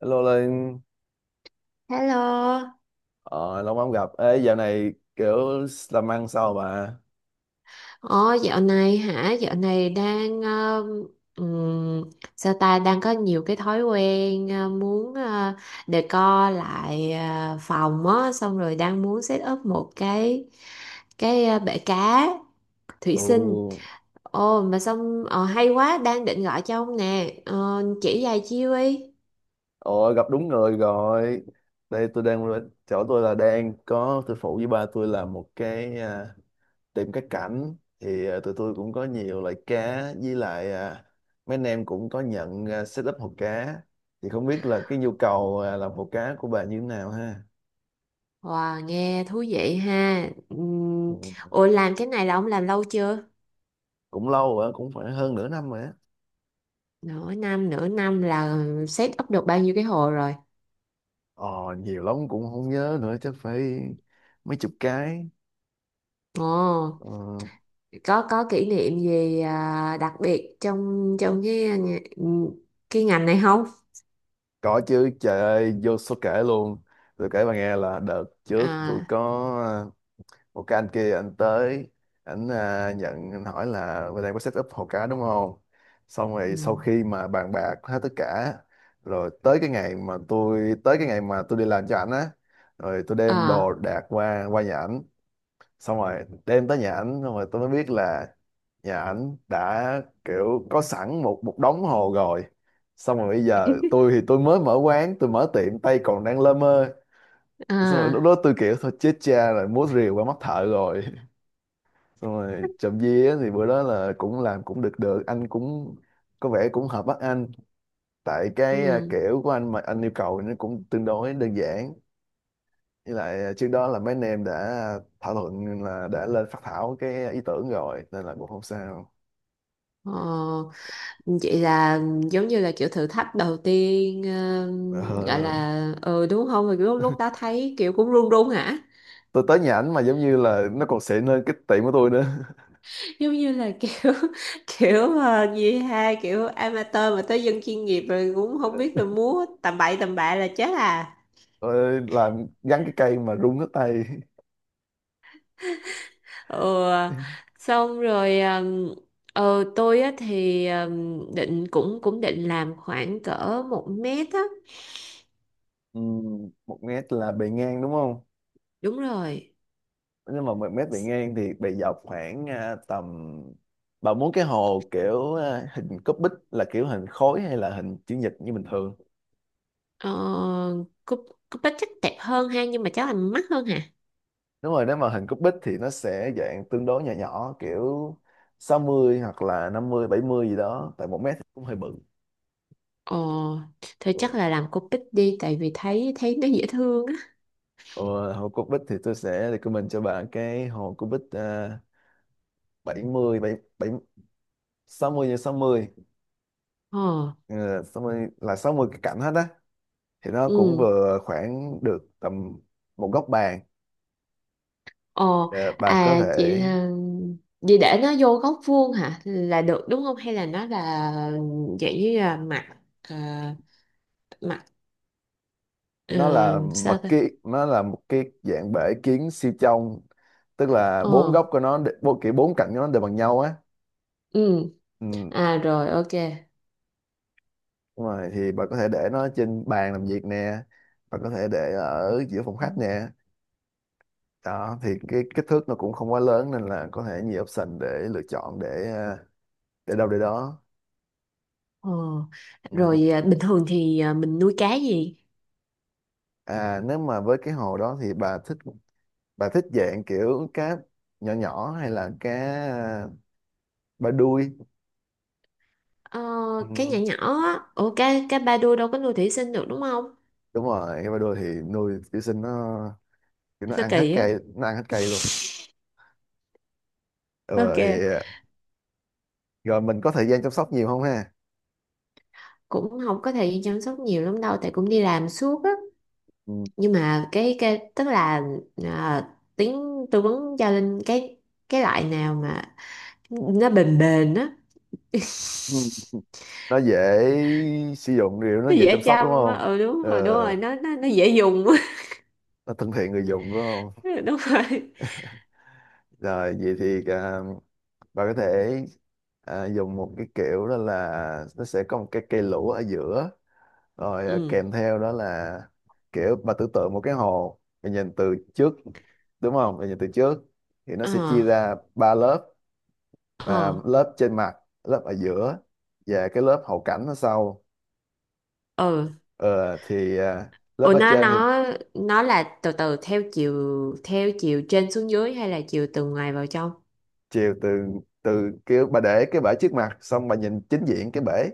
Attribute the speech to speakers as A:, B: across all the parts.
A: Hello Linh,
B: Hello.
A: ờ, lâu lắm gặp. Ê, dạo này kiểu làm ăn sao bà?
B: Ồ, dạo này hả? Dạo này đang ừm, sao ta đang có nhiều cái thói quen muốn decor lại phòng á, xong rồi đang muốn set up một cái bể cá thủy
A: Ồ,
B: sinh. Ồ mà xong hay quá, đang định gọi cho ông nè. Ờ, chỉ vài chiêu đi.
A: ồ, gặp đúng người rồi. Đây tôi đang chỗ tôi là đang có tôi phụ với ba tôi làm một cái tiệm cá cảnh, thì tụi tôi cũng có nhiều loại cá, với lại mấy anh em cũng có nhận, setup hồ cá. Thì không biết là cái nhu cầu làm hồ cá của bà như thế nào ha.
B: Wow, nghe thú vị ha.
A: Ừ,
B: Ủa làm cái này là ông làm lâu chưa?
A: cũng lâu rồi, cũng phải hơn nửa năm rồi.
B: Nửa năm là set up được bao nhiêu cái hồ rồi?
A: Ờ, Nhiều lắm cũng không nhớ nữa, chắc phải mấy chục cái.
B: Ồ,
A: ờ,
B: có kỷ niệm gì đặc biệt trong trong cái ngành này không?
A: có chứ, trời ơi vô số kể luôn. Tôi kể bà nghe là đợt trước tôi
B: À.
A: có ờ, một cái anh kia, anh tới, anh nhận, anh hỏi là bên đây có set up hồ cá đúng không, xong
B: Ừ.
A: rồi sau khi mà bàn bạc hết tất cả rồi tới cái ngày mà tôi tới cái ngày mà tôi đi làm cho ảnh á, rồi tôi đem đồ
B: À.
A: đạc qua qua nhà ảnh, xong rồi đem tới nhà ảnh xong rồi tôi mới biết là nhà ảnh đã kiểu có sẵn một một đống hồ rồi. Xong rồi bây giờ tôi thì tôi mới mở quán, tôi mở tiệm tay còn đang lơ mơ, xong rồi lúc
B: À.
A: đó tôi kiểu thôi chết cha rồi, múa rìu qua mắt thợ rồi. Xong rồi trộm vía thì bữa đó là cũng làm cũng được được, anh cũng có vẻ cũng hợp mắt anh, tại cái
B: Ừ.
A: kiểu của anh mà anh yêu cầu nó cũng tương đối đơn giản, với lại trước đó là mấy anh em đã thảo luận là đã lên phát thảo cái ý tưởng rồi nên là cũng không sao.
B: Ờ, Vậy là giống như là kiểu thử thách đầu tiên, ờ, gọi
A: Ờ.
B: là đúng không? Rồi Lúc lúc đó thấy kiểu cũng run run hả?
A: Tôi tới nhà ảnh mà giống như là nó còn xịn hơn cái tiệm của tôi nữa.
B: Giống như là kiểu kiểu gì ha, kiểu amateur mà tới dân chuyên nghiệp rồi cũng không biết là múa tầm bậy tầm bạ là chết à.
A: Tôi làm gắn cái cây mà rung hết tay.
B: Ừ. Xong rồi tôi á thì định cũng cũng định làm khoảng cỡ 1 m á.
A: Một mét là bề ngang đúng không?
B: Đúng rồi.
A: Nhưng mà một mét bề
B: S-
A: ngang thì bề dọc khoảng tầm, bà muốn cái hồ kiểu hình cúp bích là kiểu hình khối hay là hình chữ nhật như bình thường?
B: ờ, cúp cúp bích chắc đẹp hơn ha, nhưng mà chắc là mắc hơn hả?
A: Đúng rồi, nếu mà hình cúp bích thì nó sẽ dạng tương đối nhỏ nhỏ kiểu 60 hoặc là 50 70 gì đó, tại một mét thì cũng hơi bự.
B: Ờ thôi chắc
A: Ừ.
B: là làm cúp bích đi, tại vì thấy thấy nó dễ thương á.
A: Ờ, hồ cúc bích thì tôi sẽ recommend cho bạn cái hồ cúc bích, 70 bảy bảy 60x60.
B: Ờ.
A: Ờ, 60 là 60 cái cạnh hết á, thì nó cũng
B: Ừ.
A: vừa khoảng được tầm một góc bàn.
B: Ờ.
A: Ờ, bạn có
B: À, chị
A: thể,
B: là, vậy để nó vô góc vuông hả là được đúng không, hay là nó là dạng như là mặt ờ, mặt ờ,
A: nó là mặt
B: sao ta.
A: kia, nó là một cái dạng bể kiến siêu trong, tức là
B: Ờ.
A: bốn góc của nó bốn kiểu bốn cạnh của nó đều bằng nhau á.
B: Ừ.
A: Ừ.
B: À rồi, ok.
A: Đúng rồi, thì bạn có thể để nó trên bàn làm việc nè, bạn có thể để ở giữa phòng
B: Ừ.
A: khách nè, đó thì cái kích thước nó cũng không quá lớn, nên là có thể nhiều option để lựa chọn, để à, để đâu để đó.
B: ờ
A: Ừ.
B: rồi, à, bình thường thì mình nuôi cá gì?
A: Nếu mà với cái hồ đó thì bà thích dạng kiểu cá nhỏ nhỏ hay là cá à, ba đuôi.
B: Ờ, cá nhỏ
A: Ừ.
B: nhỏ. Á, ủa, cá cá ba đuôi đâu có nuôi thủy sinh được đúng không?
A: Đúng rồi, cái ba đuôi thì nuôi kiểu sinh nó, kiểu nó
B: Nó
A: ăn hết
B: kỳ á.
A: cây, nó ăn hết cây luôn. Ừ,
B: Ok.
A: thì rồi mình có thời gian chăm sóc nhiều không ha.
B: Cũng không có thời gian chăm sóc nhiều lắm đâu, tại cũng đi làm suốt á.
A: Ừ.
B: Nhưng mà cái tức là, à, tiếng tư vấn cho Linh cái loại nào mà nó bền bền á.
A: Ừ. Nó dễ sử dụng, điều nó
B: Nó
A: dễ
B: dễ
A: chăm sóc
B: chăm
A: đúng
B: á,
A: không?
B: ừ, đúng
A: ờ,
B: rồi đúng rồi, nó dễ dùng á.
A: nó thân thiện người dùng đúng không?
B: Đúng rồi.
A: Rồi vậy thì bà có thể dùng một cái kiểu đó, là nó sẽ có một cái cây lũ ở giữa, rồi
B: Ừ.
A: kèm theo đó là kiểu bà tưởng tượng một cái hồ, bà nhìn từ trước đúng không, bà nhìn từ trước thì nó
B: Ờ.
A: sẽ chia ra ba lớp,
B: Ờ.
A: lớp trên mặt, lớp ở giữa, và cái lớp hậu cảnh ở sau.
B: Ừ.
A: Ờ, thì lớp
B: Ủa
A: ở
B: nó
A: trên thì
B: nó nó là từ từ theo chiều trên xuống dưới hay là chiều từ ngoài vào trong?
A: chiều từ từ kiểu bà để cái bể trước mặt xong bà nhìn chính diện cái bể.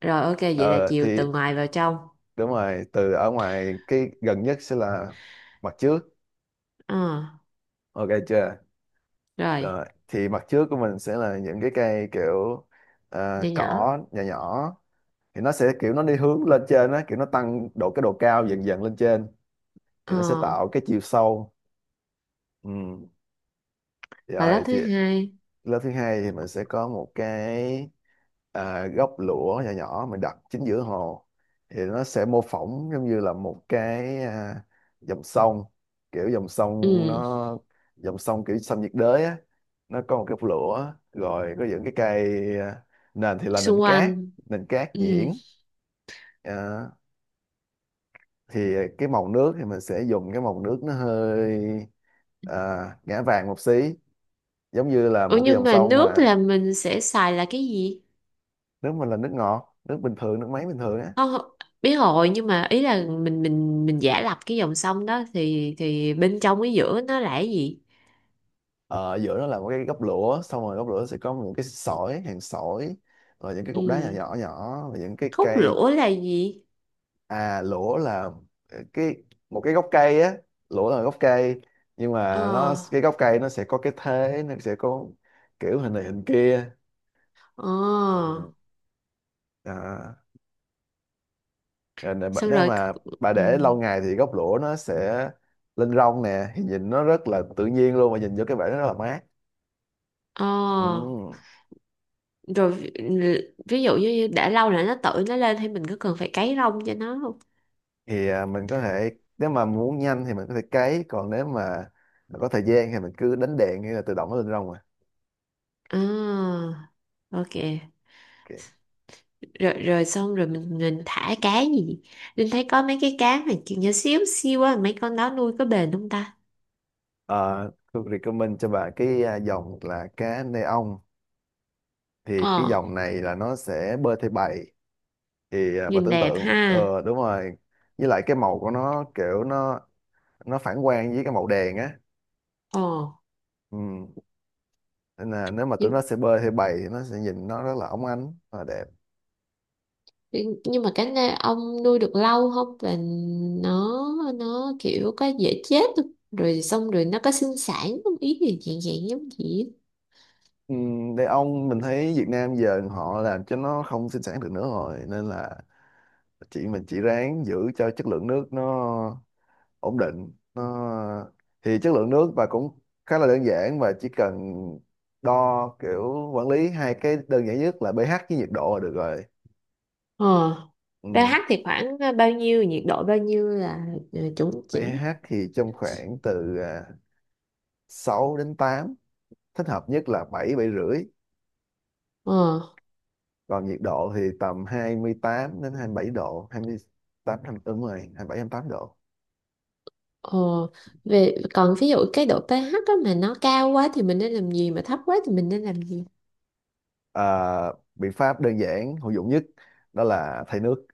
B: Rồi ok, vậy là
A: Ờ,
B: chiều
A: thì
B: từ ngoài vào trong.
A: đúng rồi, từ ở ngoài cái gần nhất sẽ là mặt trước,
B: Ờ
A: ok chưa?
B: rồi,
A: Rồi thì mặt trước của mình sẽ là những cái cây kiểu
B: nhỏ nhỏ.
A: cỏ nhỏ nhỏ, thì nó sẽ kiểu nó đi hướng lên trên á, kiểu nó tăng độ cái độ cao dần dần lên trên, thì nó sẽ
B: Ờ,
A: tạo cái chiều sâu. Ừ.
B: và lớp
A: Rồi thì
B: thứ hai?
A: lớp thứ hai thì mình sẽ có một cái gốc lũa nhỏ nhỏ mình đặt chính giữa hồ, thì nó sẽ mô phỏng giống như là một cái dòng sông, kiểu dòng sông
B: Ừ.
A: nó dòng sông kiểu sông nhiệt đới á, nó có một cái lũa, rồi có những cái cây, nền thì là
B: Xung
A: nền
B: quanh.
A: cát, nền cát
B: Ừ.
A: nhuyễn. à, thì cái màu nước thì mình sẽ dùng cái màu nước nó hơi à, ngã vàng một xí, giống như là
B: Ủa
A: một cái
B: nhưng
A: dòng
B: mà
A: sông
B: nước
A: mà.
B: là mình sẽ xài là cái gì?
A: Nước mình là nước ngọt, nước bình thường, nước máy bình thường á.
B: Không không, biết rồi, nhưng mà ý là mình giả lập cái dòng sông đó thì bên trong cái giữa nó là cái gì?
A: Ờ, Giữa nó là một cái gốc lũa, xong rồi gốc lũa sẽ có những cái sỏi, hàng sỏi, rồi những cái
B: Ừ.
A: cục đá nhỏ nhỏ nhỏ và những cái
B: Khúc
A: cây.
B: lũa là gì?
A: Lũa là ờ, cái một cái gốc cây á, lũa là gốc cây, nhưng
B: Ờ.
A: mà nó cái gốc cây nó sẽ có cái thế, nó sẽ có kiểu hình này hình kia.
B: Ờ.
A: Ừ. à, Rồi nè,
B: Xong
A: nếu
B: rồi.
A: mà bà
B: Ừ.
A: để lâu ngày thì gốc lũa nó sẽ lên rong nè, thì nhìn nó rất là tự nhiên luôn, mà nhìn vô cái bể nó rất là mát. Ừ.
B: ờ rồi ví, ví, dụ như đã lâu rồi nó tự nó lên thì mình có cần phải cấy rong cho nó không?
A: Thì mình có thể, nếu mà muốn nhanh thì mình có thể cấy, còn nếu mà có thời gian thì mình cứ đánh đèn hay là tự động nó lên rong mà.
B: À, ok.
A: Ok.
B: Rồi rồi, xong rồi mình thả cá gì? Linh thấy có mấy cái cá mà kiểu nhỏ xíu xíu á, mấy con đó nuôi có bền không ta?
A: Ờ, tôi recommend cho bạn cái dòng là cá neon, thì cái
B: Ờ,
A: dòng này là nó sẽ bơi theo bầy, thì bạn
B: nhìn
A: tưởng
B: đẹp
A: tượng
B: ha.
A: đúng rồi, với lại cái màu của nó kiểu nó phản quang với cái màu đèn á.
B: Ờ,
A: Ừ. Nên là nếu mà tụi nó sẽ bơi theo bầy thì nó sẽ nhìn nó rất là óng ánh và đẹp.
B: nhưng mà cái này ông nuôi được lâu không, là nó nó kiểu có dễ chết không? Rồi xong rồi nó có sinh sản không, ý gì dạng dạng giống gì á.
A: Ừ, đàn ông mình thấy Việt Nam giờ họ làm cho nó không sinh sản được nữa rồi, nên là chị mình chỉ ráng giữ cho chất lượng nước nó ổn định nó, thì chất lượng nước và cũng khá là đơn giản và chỉ cần đo kiểu quản lý hai cái đơn giản nhất là pH với nhiệt độ là được rồi.
B: Ờ.
A: Ừ.
B: pH thì khoảng bao nhiêu, nhiệt độ bao nhiêu là chuẩn chỉnh?
A: pH thì trong khoảng từ 6 đến tám, thích hợp nhất là 7, 7,5.
B: Ờ.
A: Còn nhiệt độ thì tầm 28 đến 27 độ, 28 đúng rồi, 27, 28 độ.
B: Ờ về, còn ví dụ cái độ pH á mà nó cao quá thì mình nên làm gì, mà thấp quá thì mình nên làm gì?
A: Biện pháp đơn giản hữu dụng nhất đó là thay nước.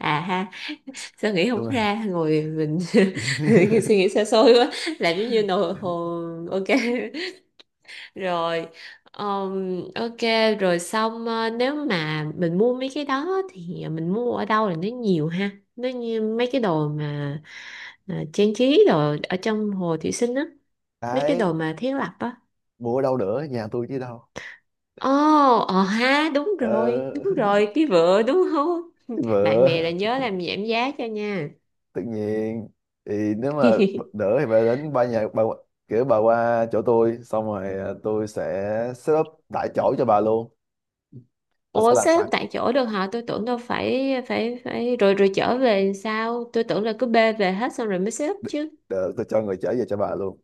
B: À ha, sao nghĩ
A: Đúng
B: không
A: rồi.
B: ra, ngồi mình suy nghĩ xa xôi quá. Làm giống như nồi hồ. Ok. Rồi. ờm, ok. Rồi xong, nếu mà mình mua mấy cái đó thì mình mua ở đâu là nó nhiều ha, nó như mấy cái đồ mà trang trí đồ ở trong Hồ Thủy Sinh á, mấy cái
A: Cái
B: đồ mà thiết lập á.
A: mua ở đâu nữa, nhà tôi chứ đâu.
B: Ồ, ờ ha,
A: ờ,
B: đúng rồi, cái vựa đúng không?
A: cái
B: Bạn
A: vợ
B: bè là nhớ làm giảm giá cho nha.
A: tự nhiên, thì nếu mà đỡ thì bà đến ba nhà bà, kiểu bà qua chỗ tôi xong rồi tôi sẽ set up tại chỗ cho bà luôn. Tôi sẽ
B: Ồ,
A: làm
B: xếp
A: sẵn
B: tại chỗ được hả? Tôi tưởng đâu phải phải phải rồi rồi trở về sao? Tôi tưởng là cứ bê về hết xong rồi mới xếp chứ.
A: được, tôi cho người chở về cho bà luôn.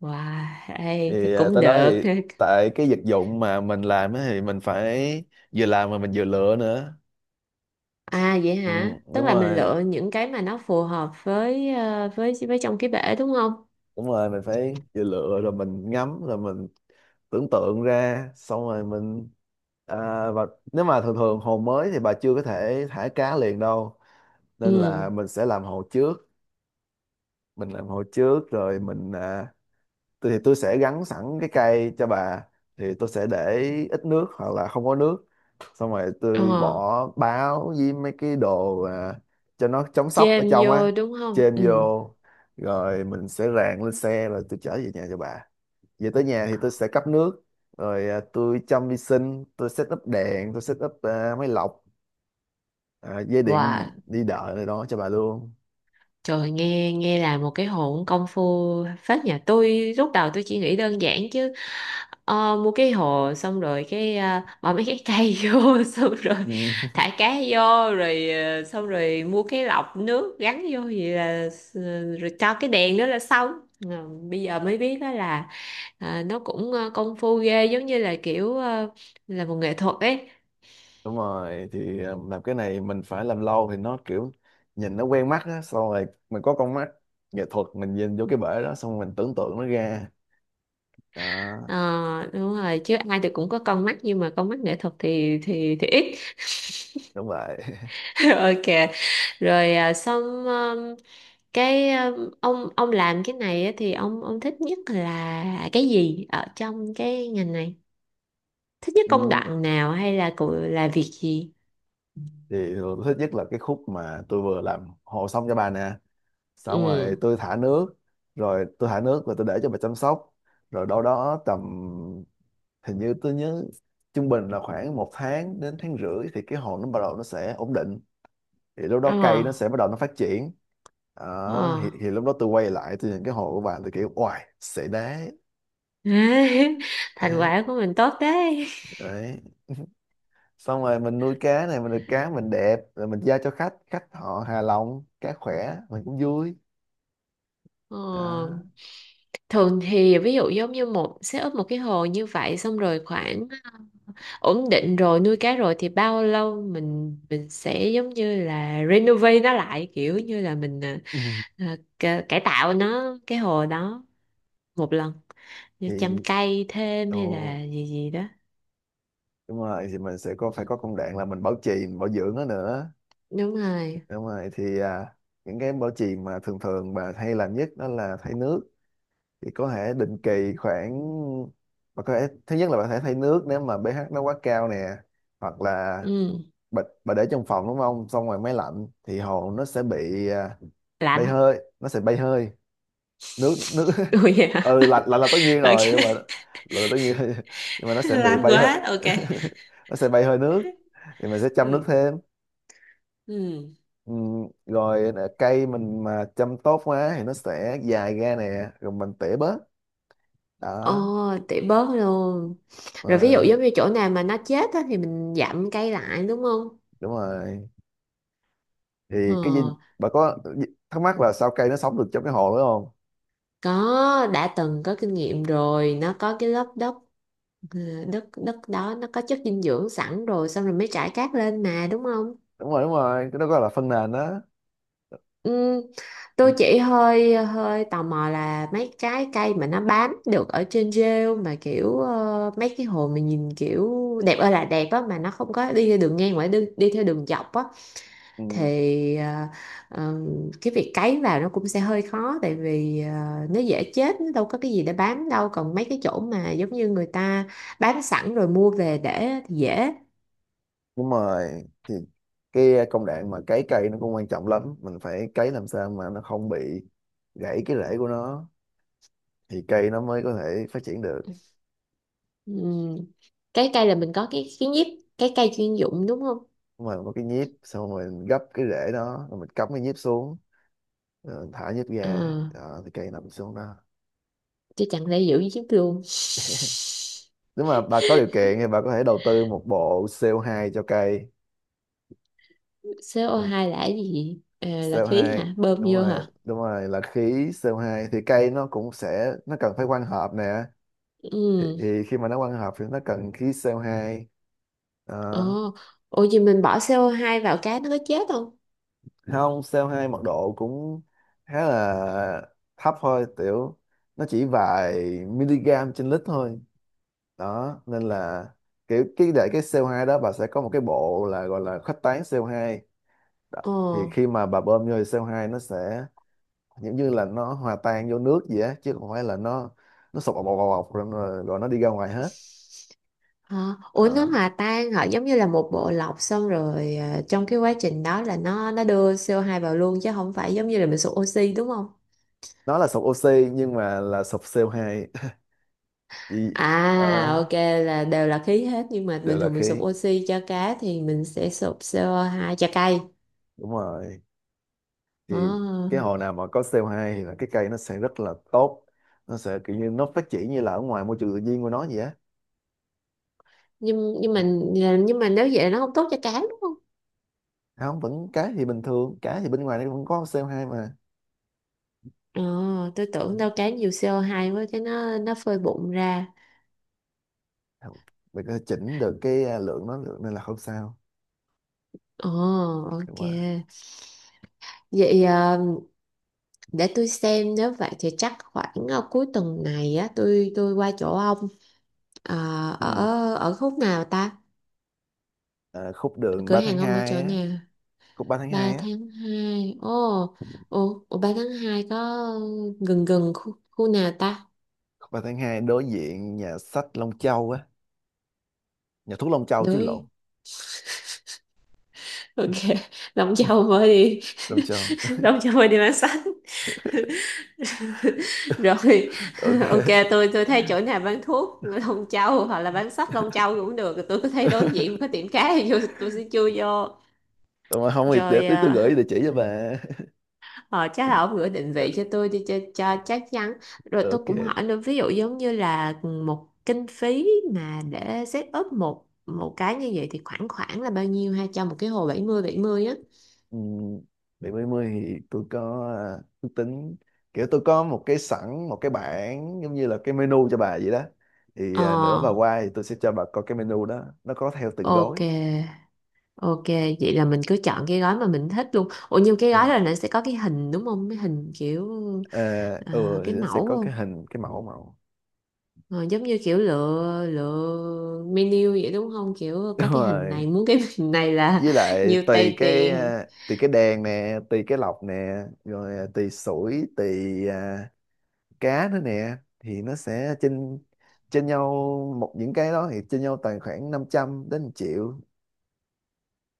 B: Wow, ê,
A: Thì
B: cũng
A: tới đó
B: được.
A: thì tại cái vật dụng mà mình làm á thì mình phải vừa làm mà mình vừa lựa nữa.
B: À vậy
A: Ừ,
B: hả? Tức
A: đúng
B: là mình
A: rồi,
B: lựa những cái mà nó phù hợp với với trong cái bể đúng không?
A: đúng rồi, mình phải vừa lựa rồi mình ngắm rồi mình tưởng tượng ra, xong rồi mình, à, và nếu mà thường thường hồ mới thì bà chưa có thể thả cá liền đâu, nên
B: Ừ.
A: là mình sẽ làm hồ trước. Mình làm hồ trước rồi mình, tôi thì tôi sẽ gắn sẵn cái cây cho bà, thì tôi sẽ để ít nước hoặc là không có nước, xong rồi tôi
B: Ờ,
A: bỏ báo với mấy cái đồ cho nó chống sốc ở
B: chêm
A: trong á.
B: vô đúng không?
A: Chêm
B: Ừ.
A: vô, rồi mình sẽ rang lên xe rồi tôi chở về nhà cho bà, về tới nhà thì tôi sẽ cấp nước, rồi tôi chăm vi sinh, tôi set up đèn, tôi set up máy lọc, dây điện
B: Wow.
A: đi đợi này đó cho bà luôn.
B: Trời, nghe nghe là một cái hồn công phu phết, nhà tôi lúc đầu tôi chỉ nghĩ đơn giản chứ mua cái hồ xong rồi cái bỏ mấy cái cây vô xong rồi
A: Ừ.
B: thả cá vô rồi xong rồi mua cái lọc nước gắn vô vậy là rồi cho cái đèn đó là xong. Ờ, bây giờ mới biết đó là nó cũng công phu ghê, giống như là kiểu là một nghệ thuật ấy.
A: Đúng rồi, thì làm cái này mình phải làm lâu thì nó kiểu nhìn nó quen mắt á, xong rồi mình có con mắt nghệ thuật, mình nhìn vô cái bể đó xong rồi mình tưởng tượng nó ra đó.
B: Ờ, đúng rồi chứ, ai thì cũng có con mắt nhưng mà con mắt nghệ thuật thì ít.
A: Đúng vậy.
B: Ok. Rồi, xong cái ông làm cái này á thì ông thích nhất là cái gì ở trong cái ngành này, thích nhất công
A: Ừ.
B: đoạn nào hay là cụ là việc gì?
A: Thì tôi thích nhất là cái khúc mà tôi vừa làm hồ xong cho bà nè. Xong
B: Ừ.
A: rồi tôi thả nước, rồi tôi thả nước và tôi để cho bà chăm sóc. Rồi đâu đó tầm, hình như tôi nhớ trung bình là khoảng một tháng đến tháng rưỡi thì cái hồ nó bắt đầu nó sẽ ổn định, thì lúc
B: Ờ.
A: đó cây nó sẽ bắt đầu nó phát triển.
B: Ờ.
A: Đó, thì lúc đó tôi quay lại tôi nhìn cái hồ của bạn tôi kiểu oài xệ đá.
B: Thành
A: Đấy,
B: quả của mình tốt đấy.
A: đấy, xong rồi mình nuôi cá này mình được cá mình đẹp rồi mình giao cho khách, khách họ hài lòng, cá khỏe mình cũng vui.
B: Ờ.
A: Đó.
B: Thường thì ví dụ giống như một set up một cái hồ như vậy xong rồi khoảng ổn định rồi nuôi cá rồi thì bao lâu mình sẽ giống như là renovate nó lại, kiểu như là mình,
A: Ừ.
B: cải tạo nó cái hồ đó một lần, như
A: thì
B: chăm cây thêm
A: ừ,
B: hay là gì gì đó.
A: Đúng rồi, thì mình sẽ có phải có công đoạn là mình bảo trì mình bảo dưỡng nó nữa.
B: Đúng rồi.
A: Đúng rồi, thì những cái bảo trì mà thường thường bà hay làm nhất đó là thay nước. Thì có thể định kỳ khoảng, bà có thể thứ nhất là bà thể thay nước nếu mà pH nó quá cao nè, hoặc là
B: Ừ.
A: bà để trong phòng đúng không, xong rồi máy lạnh thì hồ nó sẽ bị bay
B: Lạnh.
A: hơi, nó sẽ bay hơi nước nước.
B: Ui, vậy hả?
A: Ừ, lạnh lạnh là tất nhiên rồi,
B: Ok.
A: nhưng mà lạnh là tất nhiên nhưng mà nó sẽ bị
B: Lạnh
A: bay hơi,
B: quá, ok.
A: nó sẽ bay hơi nước, thì mình sẽ chăm nước
B: Ừ.
A: thêm.
B: Ừ.
A: Ừ, rồi là cây mình mà chăm tốt quá thì nó sẽ dài ra nè, rồi mình tỉa bớt. Đó.
B: Ồ, tỉ bớt luôn. Rồi ví dụ
A: Rồi,
B: giống như chỗ nào mà nó chết á thì mình dặm cây lại đúng không?
A: đúng rồi. Thì
B: Ờ,
A: cái gì, bà có thắc mắc là sao cây nó sống được trong cái hồ đúng không?
B: có, đã từng có kinh nghiệm rồi, nó có cái lớp đất, ờ, đất đó nó có chất dinh dưỡng sẵn rồi xong rồi mới trải cát lên mà đúng không?
A: Đúng rồi, đúng rồi, cái đó gọi là phân nền đó.
B: Ừm,
A: Ừ,
B: tôi chỉ hơi hơi tò mò là mấy cái cây mà nó bám được ở trên rêu mà kiểu mấy cái hồ mà nhìn kiểu đẹp ơi là đẹp á mà nó không có đi theo đường ngang mà nó đi theo đường dọc á
A: ừ,
B: thì ờm, cái việc cấy vào nó cũng sẽ hơi khó tại vì nó dễ chết nó đâu có cái gì để bám đâu, còn mấy cái chỗ mà giống như người ta bám sẵn rồi mua về để thì dễ.
A: đúng rồi, thì cái công đoạn mà cấy cây nó cũng quan trọng lắm, mình phải cấy làm sao mà nó không bị gãy cái rễ của nó, thì cây nó mới có thể phát triển được.
B: Ừm, cái cây là mình có cái nhíp, cái cây chuyên dụng đúng không?
A: Đúng rồi, có cái nhíp, xong rồi mình gấp cái rễ đó rồi mình cắm cái nhíp xuống. Ờ, thả nhất
B: Ờ.
A: gà. Ờ, thì cây nằm xuống đó.
B: Chứ chẳng lẽ giữ chiếc luôn.
A: Nếu mà bà có điều kiện thì bà có thể đầu tư một bộ CO2 cho cây.
B: Co hai là cái gì? Ờ, là khí
A: CO2
B: hả, bơm
A: đúng
B: vô
A: rồi,
B: hả?
A: đúng rồi, là khí CO2, thì cây nó cũng sẽ nó cần phải quang hợp nè, thì,
B: Ừ.
A: thì khi mà nó quang hợp thì nó cần khí CO2. Ờ,
B: Ồ. Ủa gì mình bỏ co hai vào cá nó có chết không?
A: không, CO2 mật độ cũng khá là thấp thôi, tiểu nó chỉ vài mg/L thôi. Đó, nên là kiểu cái để cái CO2 đó, bà sẽ có một cái bộ là gọi là khuếch tán CO2. Đó.
B: Ồ.
A: Thì khi mà bà bơm vô thì CO2 nó sẽ giống như là nó hòa tan vô nước gì á, chứ không phải là nó sụp bọc bọc bọc bọc, rồi, rồi rồi nó đi ra ngoài hết.
B: Hả, ủa nó
A: Đó.
B: hòa tan hả, giống như là một bộ lọc xong rồi trong cái quá trình đó là nó đưa co hai vào luôn chứ không phải giống như là mình sụp oxy đúng không?
A: Nó là sụp oxy nhưng mà là sụp CO2. Ý,
B: À
A: đó,
B: ok, là đều là khí hết nhưng mà
A: đều
B: bình
A: là
B: thường mình sụp
A: khí,
B: oxy cho cá thì mình sẽ sụp co hai cho cây.
A: đúng rồi, thì cái
B: Ồ.
A: hồ nào mà có CO2 thì là cái cây nó sẽ rất là tốt, nó sẽ kiểu như nó phát triển như là ở ngoài môi trường tự nhiên của nó vậy á.
B: Nhưng nhưng mà nếu vậy là nó không tốt cho cá đúng không?
A: Không, vẫn cá, thì bình thường cá thì bên ngoài nó vẫn có CO2 mà.
B: Ờ, tôi tưởng đâu cá nhiều CO2 quá cái nó phơi bụng ra.
A: Không, mình có thể chỉnh được cái lượng nó, lượng nên là không sao,
B: Ờ
A: nhưng
B: ok,
A: mà
B: vậy để tôi xem nếu vậy thì chắc khoảng cuối tuần này á tôi qua chỗ ông. Ờ.
A: ừ.
B: ở ở khúc nào ta,
A: À, khúc đường
B: cửa
A: 3 tháng
B: hàng ông ở
A: hai
B: chỗ
A: á.
B: nào?
A: Khúc ba tháng
B: Ba
A: 2 á,
B: tháng hai. Ồ ồ ồ, 3 tháng 2 có gần gần khu, khu nào ta?
A: khúc 3 tháng 2, đối diện nhà sách Long Châu á. Nhà thuốc Long Châu chứ, lộn.
B: Đối. Ok. Đóng châu mới đi.
A: Long Châu.
B: Đóng châu mới đi bán sách. Rồi.
A: Ok.
B: Ok, tôi thấy chỗ nào bán thuốc Long Châu hoặc là bán sách Long Châu cũng được, tôi có thấy đối diện có tiệm cá thì vô, tôi sẽ chui vô.
A: Mà không thì để
B: Rồi,
A: tí tôi gửi địa chỉ cho bà.
B: chắc là ông gửi định vị cho tôi đi cho chắc chắn. Rồi tôi
A: Ok.
B: cũng hỏi nữa, ví dụ giống như là một kinh phí mà để set up một một cái như vậy thì khoảng khoảng là bao nhiêu ha, cho một cái hồ 70 70 á?
A: Ừ, bảy mấy mươi thì tôi có ước tính, kiểu tôi có một cái sẵn, một cái bảng giống như là cái menu cho bà vậy đó. Thì
B: Ờ.
A: nữa bà qua thì tôi sẽ cho bà coi cái menu đó, nó có theo từng
B: Ok.
A: gói
B: Ok, vậy là mình cứ chọn cái gói mà mình thích luôn. Ủa nhưng cái
A: đúng
B: gói
A: không.
B: là nó sẽ có cái hình đúng không? Cái hình kiểu,
A: Ờ. Ừ, thì
B: cái
A: nó sẽ
B: mẫu
A: có cái
B: không?
A: hình, cái mẫu mẫu.
B: Ờ, giống như kiểu lựa lựa menu vậy đúng không? Kiểu
A: Đúng
B: có cái hình
A: rồi,
B: này muốn cái hình này là
A: với lại
B: nhiều
A: tùy
B: tay
A: cái
B: tiền.
A: tùy cái đèn nè, tùy cái lọc nè, rồi tùy sủi, tùy cá nữa nè, thì nó sẽ trên trên nhau một, những cái đó thì trên nhau tầm khoảng 500 đến 1 triệu.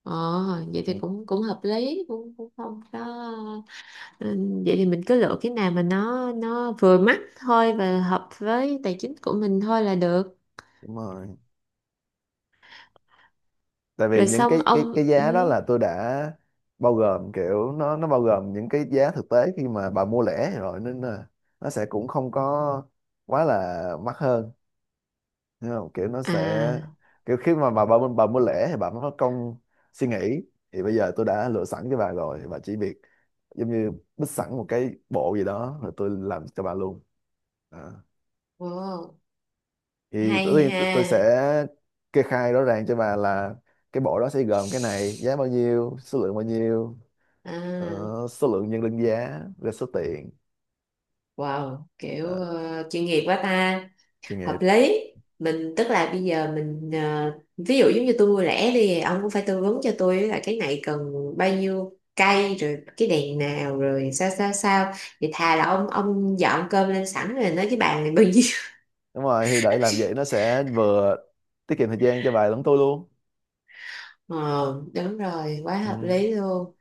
B: Ờ, vậy thì
A: Ừ,
B: cũng cũng hợp lý, cũng cũng không có. Ừ, vậy thì mình cứ lựa cái nào mà nó vừa mắt thôi và hợp với tài chính của mình thôi là được.
A: đúng rồi, tại vì
B: Rồi
A: những
B: xong
A: cái cái
B: ông.
A: cái giá đó
B: Ừ.
A: là tôi đã bao gồm, kiểu nó bao gồm những cái giá thực tế khi mà bà mua lẻ rồi, nên là nó sẽ cũng không có quá là mắc hơn, hiểu không, kiểu nó sẽ
B: À.
A: kiểu khi mà bà mua lẻ thì bà mới có công suy nghĩ. Thì bây giờ tôi đã lựa sẵn cho bà rồi, bà chỉ việc giống như bích sẵn một cái bộ gì đó rồi tôi làm cho bà luôn.
B: Wow,
A: Thì tất
B: hay
A: nhiên tôi sẽ
B: ha.
A: kê khai rõ ràng cho bà là cái bộ đó sẽ gồm cái này, giá bao nhiêu, số lượng bao nhiêu, ờ,
B: À.
A: số lượng nhân đơn giá rồi số tiền.
B: Wow, kiểu
A: Đó,
B: chuyên nghiệp quá ta,
A: chuyên
B: hợp
A: nghiệp.
B: lý. Mình tức là bây giờ mình ví dụ giống như tôi mua lẻ đi, ông cũng phải tư vấn cho tôi là cái này cần bao nhiêu cây rồi cái đèn nào rồi sao sao sao. Thì thà là ông dọn cơm lên sẵn rồi nói cái bàn này bao nhiêu.
A: Đúng rồi, thì để làm vậy nó sẽ vừa tiết kiệm thời gian cho bà lẫn tôi luôn.
B: Ờ, đúng rồi, quá
A: Ừ.
B: hợp lý luôn.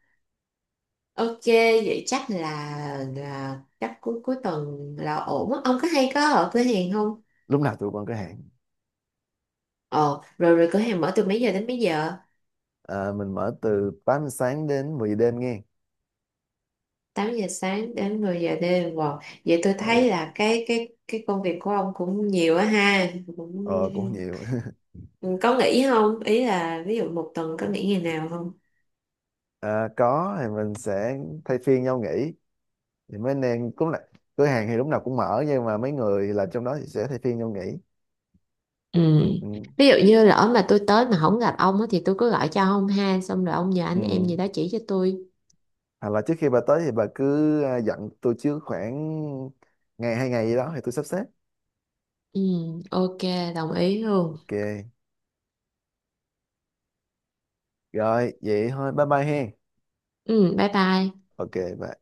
B: Ok, vậy chắc là chắc cuối cuối tuần là ổn á. Ông có hay có ở cửa hàng không?
A: Lúc nào tụi con có hẹn.
B: Ờ, rồi rồi cửa hàng mở từ mấy giờ đến mấy giờ?
A: À, mình mở từ 8 giờ sáng đến 10 giờ đêm nghe.
B: 8 giờ sáng đến 10 giờ đêm, wow. Vậy tôi thấy
A: Ok.
B: là cái công việc của ông cũng nhiều á ha,
A: Ờ, cũng nhiều.
B: cũng có nghỉ không, ý là ví dụ 1 tuần có nghỉ ngày nào không?
A: À, có, thì mình sẽ thay phiên nhau nghỉ, thì mấy anh em cũng là cửa hàng thì lúc nào cũng mở, nhưng mà mấy người làm trong đó thì sẽ thay phiên nhau nghỉ.
B: Ừ.
A: Ừ,
B: Ví dụ như lỡ mà tôi tới mà không gặp ông á, thì tôi cứ gọi cho ông ha xong rồi ông nhờ anh em
A: ừ.
B: gì đó chỉ cho tôi.
A: Hoặc là trước khi bà tới thì bà cứ dặn tôi trước khoảng ngày, hai ngày gì đó thì tôi sắp xếp.
B: Ừ, ok, đồng ý luôn.
A: Ok. Rồi, vậy thôi, bye bye hen.
B: Ừ, bye bye.
A: Ok. Bye.